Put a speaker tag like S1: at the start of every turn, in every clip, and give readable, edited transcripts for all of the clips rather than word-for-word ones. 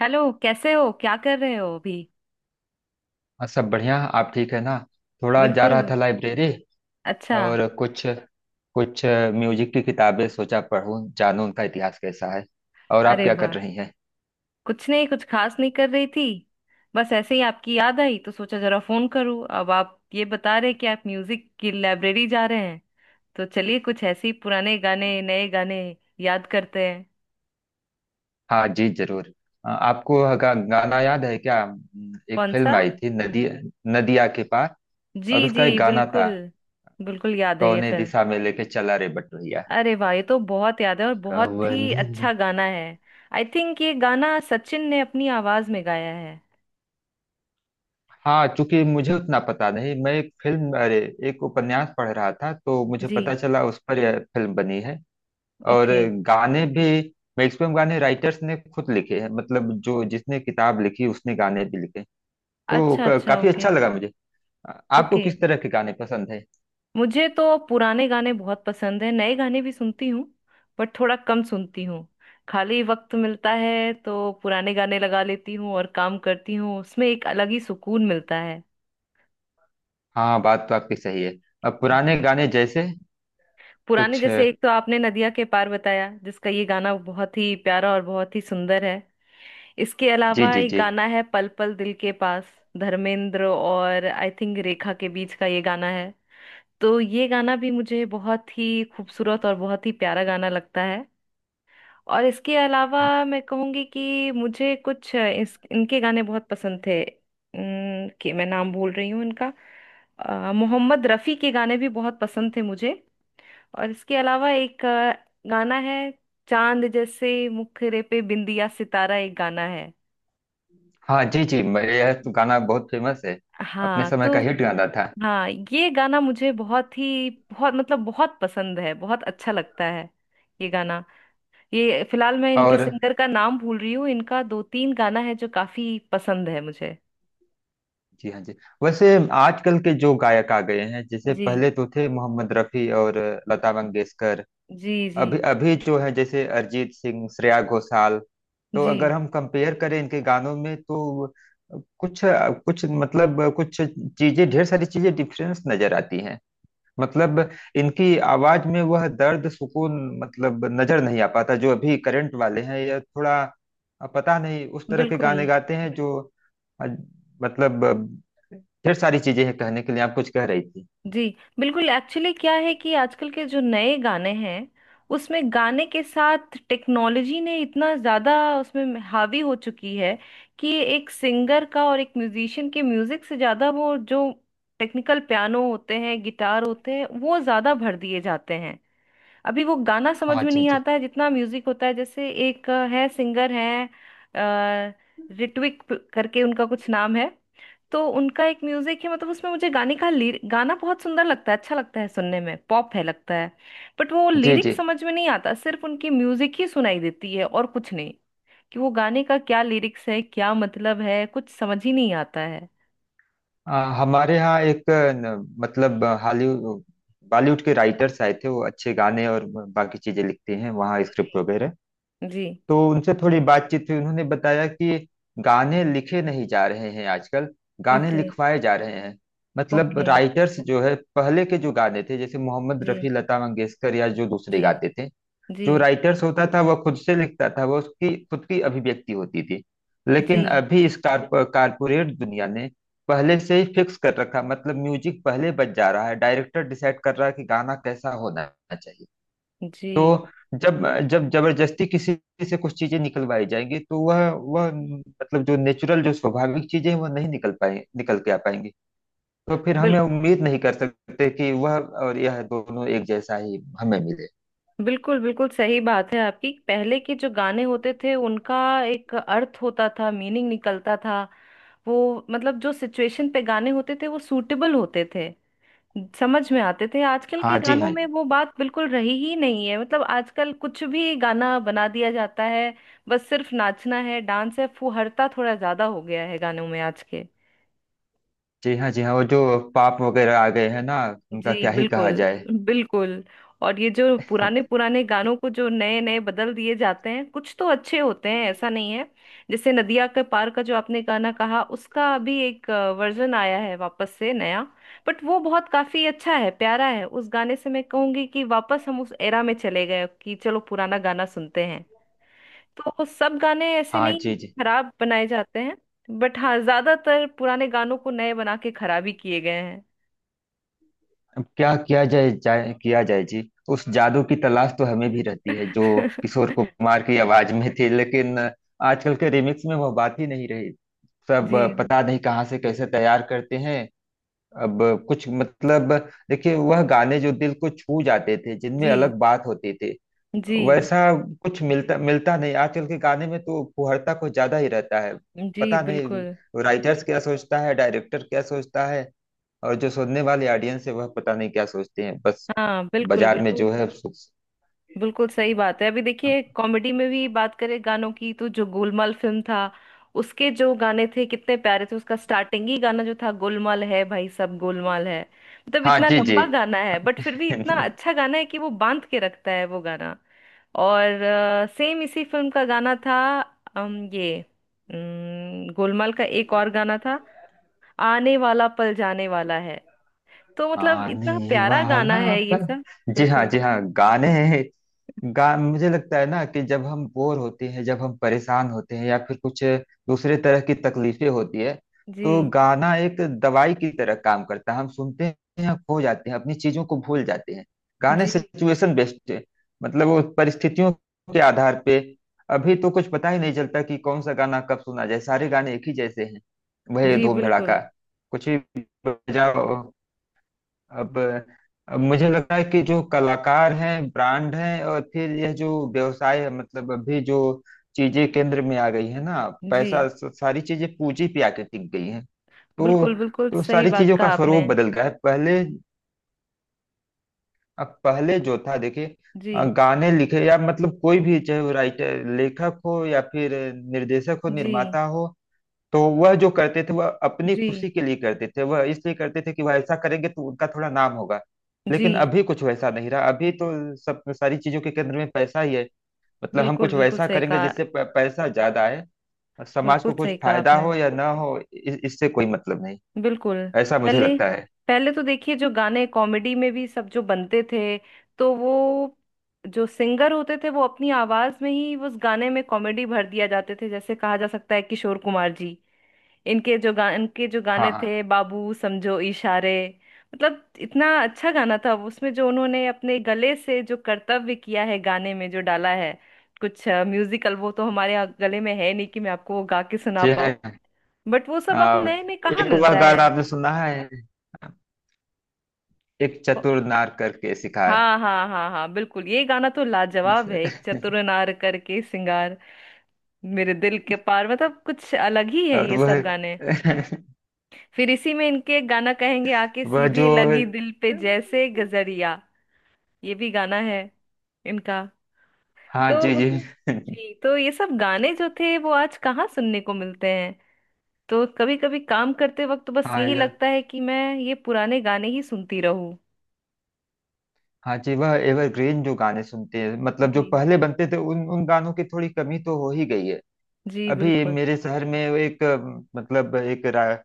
S1: Hello, कैसे हो? क्या कर रहे हो अभी?
S2: हाँ, सब बढ़िया। आप ठीक है ना। थोड़ा जा
S1: बिल्कुल।
S2: रहा था लाइब्रेरी
S1: अच्छा।
S2: और कुछ कुछ म्यूजिक की किताबें, सोचा पढूं, जानूं उनका इतिहास कैसा है। और आप
S1: अरे
S2: क्या कर
S1: वाह!
S2: रही हैं।
S1: कुछ नहीं, कुछ खास नहीं कर रही थी। बस ऐसे ही आपकी याद आई तो सोचा जरा फोन करूं। अब आप ये बता रहे कि आप म्यूजिक की लाइब्रेरी जा रहे हैं, तो चलिए कुछ ऐसे ही पुराने गाने, नए गाने याद करते हैं।
S2: हाँ जी, जरूर। आपको गाना याद है क्या? एक
S1: कौन सा?
S2: फिल्म आई थी नदी, नदिया के पार, और
S1: जी जी,
S2: उसका एक गाना था,
S1: बिल्कुल। बिल्कुल याद है ये
S2: कौने
S1: फिल्म।
S2: दिशा में लेके चला रे बटोहिया।
S1: अरे वाह, ये तो बहुत याद है और बहुत
S2: कवन
S1: ही अच्छा
S2: ने-
S1: गाना है। आई थिंक ये गाना सचिन ने अपनी आवाज में गाया है।
S2: हाँ, चूंकि मुझे उतना पता नहीं। मैं एक फिल्म, अरे एक उपन्यास पढ़ रहा था, तो मुझे
S1: जी।
S2: पता चला उस पर यह फिल्म बनी है। और
S1: ओके।
S2: गाने भी, मैक्सिमम गाने राइटर्स ने खुद लिखे हैं। मतलब जो जिसने किताब लिखी उसने गाने भी लिखे। तो
S1: अच्छा अच्छा,
S2: काफी
S1: ओके।
S2: अच्छा लगा मुझे। आ- आपको
S1: ओके।
S2: किस तरह के गाने पसंद है?
S1: मुझे तो पुराने गाने बहुत पसंद है, नए गाने भी सुनती हूँ। बट थोड़ा कम सुनती हूँ। खाली वक्त मिलता है तो पुराने गाने लगा लेती हूँ और काम करती हूँ, उसमें एक अलग ही सुकून मिलता है।
S2: हाँ, बात तो आपकी सही है। अब पुराने
S1: जी।
S2: गाने जैसे,
S1: पुराने
S2: कुछ।
S1: जैसे, एक तो आपने नदिया के पार बताया, जिसका ये गाना बहुत ही प्यारा और बहुत ही सुंदर है। इसके
S2: जी
S1: अलावा
S2: जी
S1: एक
S2: जी।
S1: गाना है, पल पल दिल के पास। धर्मेंद्र और आई थिंक रेखा के बीच का ये गाना है। तो ये गाना भी मुझे बहुत ही खूबसूरत और बहुत ही प्यारा गाना लगता है। और इसके अलावा
S2: हाँ।
S1: मैं कहूँगी कि मुझे कुछ इनके गाने बहुत पसंद थे, कि मैं नाम भूल रही हूँ इनका। मोहम्मद रफ़ी के गाने भी बहुत पसंद थे मुझे। और इसके अलावा एक गाना है, चांद जैसे मुखरे पे बिंदिया सितारा, एक गाना है।
S2: हाँ, जी जी। यह तो गाना बहुत फेमस है। अपने
S1: हाँ
S2: समय का
S1: तो,
S2: हिट गाना था।
S1: हाँ, ये गाना मुझे बहुत ही बहुत मतलब बहुत पसंद है, बहुत अच्छा लगता है ये गाना। ये फिलहाल मैं इनके
S2: और
S1: सिंगर का नाम भूल रही हूँ। इनका दो तीन गाना है जो काफी पसंद है मुझे।
S2: जी हाँ जी। वैसे आजकल के जो गायक आ गए हैं, जैसे
S1: जी।
S2: पहले तो थे मोहम्मद रफी और लता मंगेशकर,
S1: जी। जी।
S2: अभी अभी जो है जैसे अरिजीत सिंह, श्रेया घोषाल। तो
S1: जी।
S2: अगर हम कंपेयर करें इनके गानों में, तो कुछ कुछ मतलब कुछ चीजें, ढेर सारी चीजें डिफरेंस नजर आती हैं। मतलब इनकी आवाज में वह दर्द, सुकून, मतलब नजर नहीं आ पाता, जो अभी करंट वाले हैं, या थोड़ा पता नहीं उस तरह के
S1: बिल्कुल।
S2: गाने गाते हैं जो अ, मतलब ढेर सारी चीजें हैं कहने के लिए। आप कुछ कह रही थी।
S1: जी। बिल्कुल, एक्चुअली क्या है कि आजकल के जो नए गाने हैं, उसमें गाने के साथ टेक्नोलॉजी ने इतना ज्यादा उसमें हावी हो चुकी है, कि एक सिंगर का और एक म्यूजिशियन के म्यूजिक से ज्यादा वो जो टेक्निकल पियानो होते हैं, गिटार होते हैं, वो ज्यादा भर दिए जाते हैं। अभी वो गाना समझ
S2: हाँ
S1: में
S2: जी
S1: नहीं
S2: जी।
S1: आता है, जितना म्यूजिक होता है। जैसे एक है, सिंगर है, अ, करके उनका कुछ नाम है। तो उनका एक म्यूजिक है, मतलब उसमें मुझे गाने का गाना बहुत सुंदर लगता है, अच्छा लगता है सुनने में, पॉप है लगता है। बट वो
S2: जी
S1: लिरिक
S2: जी।
S1: समझ में नहीं आता, सिर्फ उनकी म्यूजिक ही सुनाई देती है और कुछ नहीं। कि वो गाने का क्या लिरिक्स है, क्या मतलब है, कुछ समझ ही नहीं आता है।
S2: हमारे यहाँ एक न, मतलब हॉलीवुड बॉलीवुड के राइटर्स आए थे। वो अच्छे गाने और बाकी चीजें लिखते हैं, वहाँ स्क्रिप्ट
S1: जी।
S2: वगैरह।
S1: जी।
S2: तो उनसे थोड़ी बातचीत हुई। उन्होंने बताया कि गाने लिखे नहीं जा रहे हैं आजकल, गाने
S1: ओके।
S2: लिखवाए जा रहे हैं। मतलब
S1: ओके।
S2: राइटर्स जो है, पहले के जो गाने थे जैसे मोहम्मद रफ़ी,
S1: जी।
S2: लता मंगेशकर, या जो दूसरे
S1: जी।
S2: गाते थे,
S1: जी।
S2: जो राइटर्स होता था वह खुद से लिखता था, वह उसकी खुद की अभिव्यक्ति होती थी। लेकिन
S1: जी।
S2: अभी इस कारपोरेट दुनिया ने पहले से ही फिक्स कर रखा। मतलब म्यूजिक पहले बज जा रहा है, डायरेक्टर डिसाइड कर रहा है कि गाना कैसा होना चाहिए। तो
S1: जी।
S2: जब जब जबरदस्ती किसी से कुछ चीजें निकलवाई जाएंगी, तो वह मतलब जो नेचुरल, जो स्वाभाविक चीजें हैं, वह नहीं निकल के आ पाएंगी। तो फिर हमें
S1: बिल्कुल।
S2: उम्मीद नहीं कर सकते कि वह और यह दोनों एक जैसा ही हमें मिले।
S1: बिल्कुल। बिल्कुल सही बात है आपकी। पहले के जो गाने होते थे, उनका एक अर्थ होता था, मीनिंग निकलता था। वो मतलब जो सिचुएशन पे गाने होते थे वो सूटेबल होते थे, समझ में आते थे। आजकल के
S2: हाँ जी।
S1: गानों
S2: हाँ।
S1: में वो बात बिल्कुल रही ही नहीं है। मतलब आजकल कुछ भी गाना बना दिया जाता है। बस सिर्फ नाचना है, डांस है, फुहरता थोड़ा ज्यादा हो गया है गानों में आज के।
S2: जी हाँ जी हाँ। वो जो पाप वगैरह आ गए हैं ना, उनका
S1: जी।
S2: क्या ही कहा
S1: बिल्कुल।
S2: जाए।
S1: बिल्कुल। और ये जो पुराने पुराने गानों को जो नए नए बदल दिए जाते हैं, कुछ तो अच्छे होते हैं, ऐसा नहीं है। जैसे नदिया के पार का जो आपने गाना कहा, उसका अभी एक वर्जन आया है वापस से, नया। बट वो बहुत काफी अच्छा है, प्यारा है। उस गाने से मैं कहूंगी कि वापस हम उस एरा में चले गए कि चलो पुराना गाना सुनते हैं। तो वो सब गाने ऐसे
S2: हाँ
S1: नहीं है
S2: जी
S1: कि
S2: जी।
S1: खराब बनाए जाते हैं। बट हाँ, ज्यादातर पुराने गानों को नए बना के खराब ही किए गए हैं।
S2: अब क्या किया जाए जी। उस जादू की तलाश तो हमें भी रहती है, जो किशोर कुमार की आवाज में थी। लेकिन आजकल के रिमिक्स में वो बात ही नहीं रही। सब,
S1: जी।
S2: पता नहीं कहाँ से कैसे तैयार करते हैं। अब कुछ, मतलब देखिए, वह गाने जो दिल को छू जाते थे, जिनमें
S1: जी।
S2: अलग बात होती थी,
S1: जी।
S2: वैसा कुछ मिलता मिलता नहीं। आजकल के गाने में तो फुहड़ता कुछ ज्यादा ही रहता है।
S1: जी।
S2: पता
S1: बिल्कुल।
S2: नहीं राइटर्स क्या सोचता है, डायरेक्टर क्या सोचता है, और जो सुनने वाले ऑडियंस है, वह पता नहीं क्या सोचते हैं। बस
S1: हाँ। बिल्कुल
S2: बाजार में
S1: बिल्कुल,
S2: जो है
S1: बिल्कुल सही बात है। अभी देखिए, कॉमेडी में भी बात करें गानों की, तो जो गोलमाल फिल्म था, उसके जो गाने थे कितने प्यारे थे। उसका स्टार्टिंग ही गाना जो था, गोलमाल है भाई सब गोलमाल है। मतलब
S2: हाँ
S1: इतना
S2: जी जी।
S1: लंबा गाना है, बट फिर भी इतना अच्छा गाना है कि वो बांध के रखता है वो गाना। और सेम इसी फिल्म का गाना था, ये गोलमाल का एक और गाना था, आने वाला पल जाने वाला है। तो मतलब इतना
S2: आने
S1: प्यारा गाना
S2: वाला
S1: है ये
S2: पल।
S1: सब।
S2: जी हाँ
S1: बिल्कुल।
S2: जी हाँ। गाने गा मुझे लगता है ना, कि जब हम बोर होते हैं, जब हम परेशान होते हैं, या फिर कुछ दूसरे तरह की तकलीफें होती है, तो
S1: जी।
S2: गाना एक दवाई की तरह काम करता है। हम सुनते हैं और खो जाते हैं, अपनी चीजों को भूल जाते हैं। गाने
S1: जी।
S2: सिचुएशन बेस्ड है। मतलब वो परिस्थितियों के आधार पे। अभी तो कुछ पता ही नहीं चलता कि कौन सा गाना कब सुना जाए, सारे गाने एक ही जैसे हैं। वही
S1: जी।
S2: धूम धड़ाका,
S1: बिल्कुल।
S2: कुछ भी बजाओ। अब अब मुझे लगता है कि जो कलाकार हैं, ब्रांड हैं, और फिर यह जो व्यवसाय है, मतलब अभी जो चीजें केंद्र में आ गई है ना,
S1: जी।
S2: पैसा, सारी चीजें पूंजी पे आके टिक गई हैं। तो
S1: बिल्कुल बिल्कुल,
S2: तो
S1: सही
S2: सारी
S1: बात
S2: चीजों
S1: कहा
S2: का स्वरूप
S1: आपने।
S2: बदल गया है। पहले जो था देखिए,
S1: जी।
S2: गाने लिखे, या मतलब कोई भी, चाहे वो राइटर, लेखक हो, या फिर निर्देशक हो,
S1: जी।
S2: निर्माता हो, तो वह जो करते थे वह अपनी
S1: जी।
S2: खुशी के लिए करते थे। वह इसलिए करते थे कि वह ऐसा करेंगे तो उनका थोड़ा नाम होगा। लेकिन
S1: जी।
S2: अभी कुछ वैसा नहीं रहा। अभी तो सब, सारी चीजों के केंद्र में पैसा ही है। मतलब हम
S1: बिल्कुल।
S2: कुछ
S1: बिल्कुल
S2: वैसा
S1: सही
S2: करेंगे
S1: कहा।
S2: जिससे पैसा ज्यादा आए, और समाज
S1: बिल्कुल
S2: को कुछ
S1: सही कहा
S2: फायदा
S1: आपने।
S2: हो या ना हो, इससे कोई मतलब नहीं।
S1: बिल्कुल।
S2: ऐसा मुझे
S1: पहले,
S2: लगता है।
S1: पहले तो देखिए, जो गाने कॉमेडी में भी सब जो बनते थे, तो वो जो सिंगर होते थे वो अपनी आवाज में ही उस गाने में कॉमेडी भर दिया जाते थे। जैसे कहा जा सकता है किशोर कुमार जी, इनके जो
S2: हाँ।
S1: गाने थे,
S2: हाँ
S1: बाबू समझो इशारे। मतलब इतना अच्छा गाना था, उसमें जो उन्होंने अपने गले से जो कर्तव्य किया है, गाने में जो डाला है, कुछ म्यूजिकल, वो तो हमारे यहाँ गले में है नहीं कि मैं आपको वो गा के सुना
S2: जी
S1: पाऊँ।
S2: है।
S1: बट वो सब अब
S2: आ,
S1: नए में कहाँ
S2: एक वह
S1: मिलता है?
S2: गाना आपने सुना है, एक
S1: को-
S2: चतुर नार करके शिकार।
S1: हाँ हाँ हाँ हाँ, बिल्कुल, ये गाना तो लाजवाब है। एक चतुर नार करके सिंगार मेरे दिल के पार, मतलब कुछ अलग ही है
S2: और
S1: ये सब
S2: वह
S1: गाने। फिर इसी में इनके एक गाना कहेंगे, आके
S2: वह जो।
S1: सीधे लगी दिल पे जैसे गजरिया, ये भी गाना है इनका।
S2: हाँ
S1: तो
S2: जी जी।
S1: मतलब, जी, तो ये सब गाने जो थे वो आज कहाँ सुनने को मिलते हैं? तो कभी कभी काम करते वक्त तो बस
S2: हाँ।
S1: यही
S2: या
S1: लगता है कि मैं ये पुराने गाने ही सुनती रहूं।
S2: हाँ जी, वह एवरग्रीन जो गाने सुनते हैं, मतलब जो
S1: जी।
S2: पहले बनते थे, उन उन गानों की थोड़ी कमी तो हो ही गई है।
S1: जी।
S2: अभी
S1: बिल्कुल।
S2: मेरे शहर में वो एक मतलब एक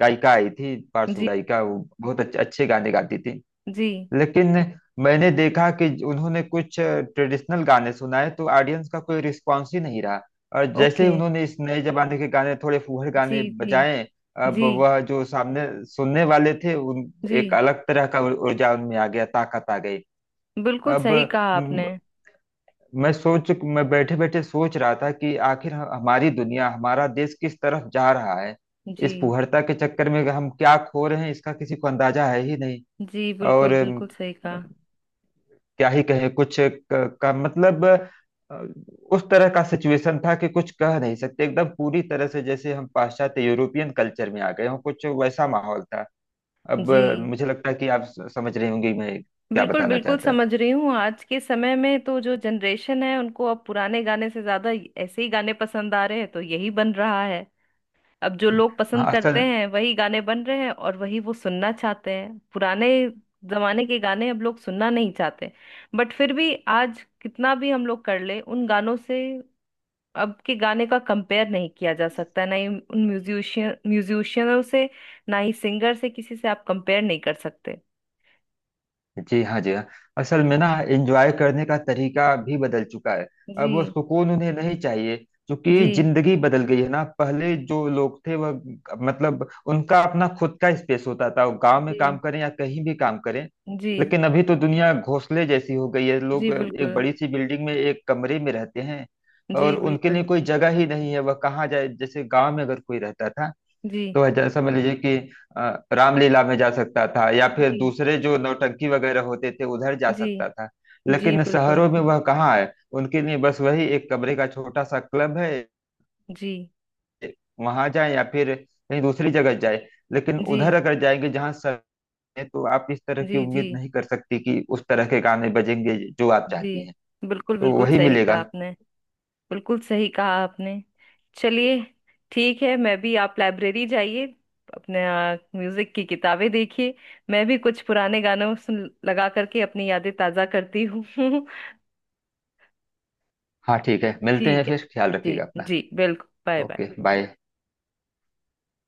S2: गायिका आई थी, पार्श्व
S1: जी।
S2: गायिका, वो बहुत अच्छे अच्छे गाने गाती थी।
S1: जी।
S2: लेकिन मैंने देखा कि उन्होंने कुछ ट्रेडिशनल गाने सुनाए, तो ऑडियंस का कोई रिस्पॉन्स ही नहीं रहा। और जैसे ही
S1: ओके।
S2: उन्होंने इस नए जमाने के गाने, थोड़े फूहड़
S1: जी।
S2: गाने
S1: जी।
S2: बजाए, अब
S1: जी।
S2: वह जो सामने सुनने वाले थे, उन
S1: जी।
S2: एक अलग तरह का ऊर्जा उनमें आ गया, ताकत आ गई।
S1: बिल्कुल
S2: अब
S1: सही कहा
S2: म,
S1: आपने।
S2: मैं बैठे बैठे सोच रहा था कि आखिर हमारी दुनिया, हमारा देश किस तरफ जा रहा है।
S1: जी।
S2: इस फूहड़ता के चक्कर में हम क्या खो रहे हैं, इसका किसी को अंदाजा है ही नहीं।
S1: जी। बिल्कुल।
S2: और
S1: बिल्कुल सही कहा।
S2: क्या ही कहे, कुछ क- का मतलब अ, उस तरह का सिचुएशन था कि कुछ कह नहीं सकते। एकदम पूरी तरह से जैसे हम पाश्चात्य, यूरोपियन कल्चर में आ गए हों, कुछ वैसा माहौल था। अब
S1: जी।
S2: मुझे लगता है कि आप समझ रहे होंगे मैं क्या
S1: बिल्कुल,
S2: बताना
S1: बिल्कुल
S2: चाहता
S1: समझ रही हूँ। आज के समय में तो जो जनरेशन है, उनको अब पुराने गाने से ज्यादा ऐसे ही गाने पसंद आ रहे हैं, तो यही बन रहा है। अब जो
S2: हूं।
S1: लोग
S2: हाँ
S1: पसंद करते
S2: असल
S1: हैं वही गाने बन रहे हैं, और वही वो सुनना चाहते हैं। पुराने जमाने के गाने अब लोग सुनना नहीं चाहते। बट फिर भी आज कितना भी हम लोग कर ले, उन गानों से अब के गाने का कंपेयर नहीं किया जा सकता, ना ही उन म्यूजिशियनों से, ना ही सिंगर से, किसी से आप कंपेयर नहीं कर सकते।
S2: जी हाँ, जी हाँ। असल में ना, एंजॉय करने का तरीका भी बदल चुका है। अब
S1: जी।
S2: वो सुकून उन्हें नहीं चाहिए। क्योंकि
S1: जी।
S2: जिंदगी बदल गई है ना। पहले जो लोग थे, वह मतलब उनका अपना खुद का स्पेस होता था। वो गांव में काम
S1: जी।
S2: करें या कहीं भी काम करें,
S1: जी।
S2: लेकिन अभी तो दुनिया घोंसले जैसी हो गई है।
S1: जी।
S2: लोग एक
S1: बिल्कुल।
S2: बड़ी सी बिल्डिंग में एक कमरे में रहते हैं,
S1: जी।
S2: और उनके लिए
S1: बिल्कुल।
S2: कोई जगह ही नहीं है। वह कहाँ जाए? जैसे गांव में अगर कोई रहता था,
S1: जी।
S2: तो है जैसा समझ लीजिए कि रामलीला में जा सकता था, या फिर
S1: जी।
S2: दूसरे जो नौटंकी वगैरह होते थे उधर जा
S1: जी।
S2: सकता था।
S1: जी।
S2: लेकिन
S1: बिल्कुल।
S2: शहरों में वह कहाँ है? उनके लिए बस वही एक कमरे का छोटा सा क्लब है।
S1: जी।
S2: वहां जाए, या फिर कहीं दूसरी जगह जाए। लेकिन
S1: जी।
S2: उधर अगर जाएंगे जहाँ सर है, तो आप इस तरह की
S1: जी। जी।
S2: उम्मीद नहीं कर सकती कि उस तरह के गाने बजेंगे जो आप
S1: जी।
S2: चाहती हैं।
S1: बिल्कुल,
S2: तो
S1: बिल्कुल
S2: वही
S1: सही
S2: मिलेगा।
S1: कहा आपने। बिल्कुल सही कहा आपने। चलिए, ठीक है। मैं भी, आप लाइब्रेरी जाइए, अपने म्यूजिक की किताबें देखिए, मैं भी कुछ पुराने गानों सुन लगा करके अपनी यादें ताजा करती हूँ।
S2: हाँ ठीक है, मिलते हैं
S1: ठीक है।
S2: फिर। ख्याल रखिएगा
S1: जी।
S2: अपना।
S1: जी, बिल्कुल। Bye bye.
S2: Okay bye.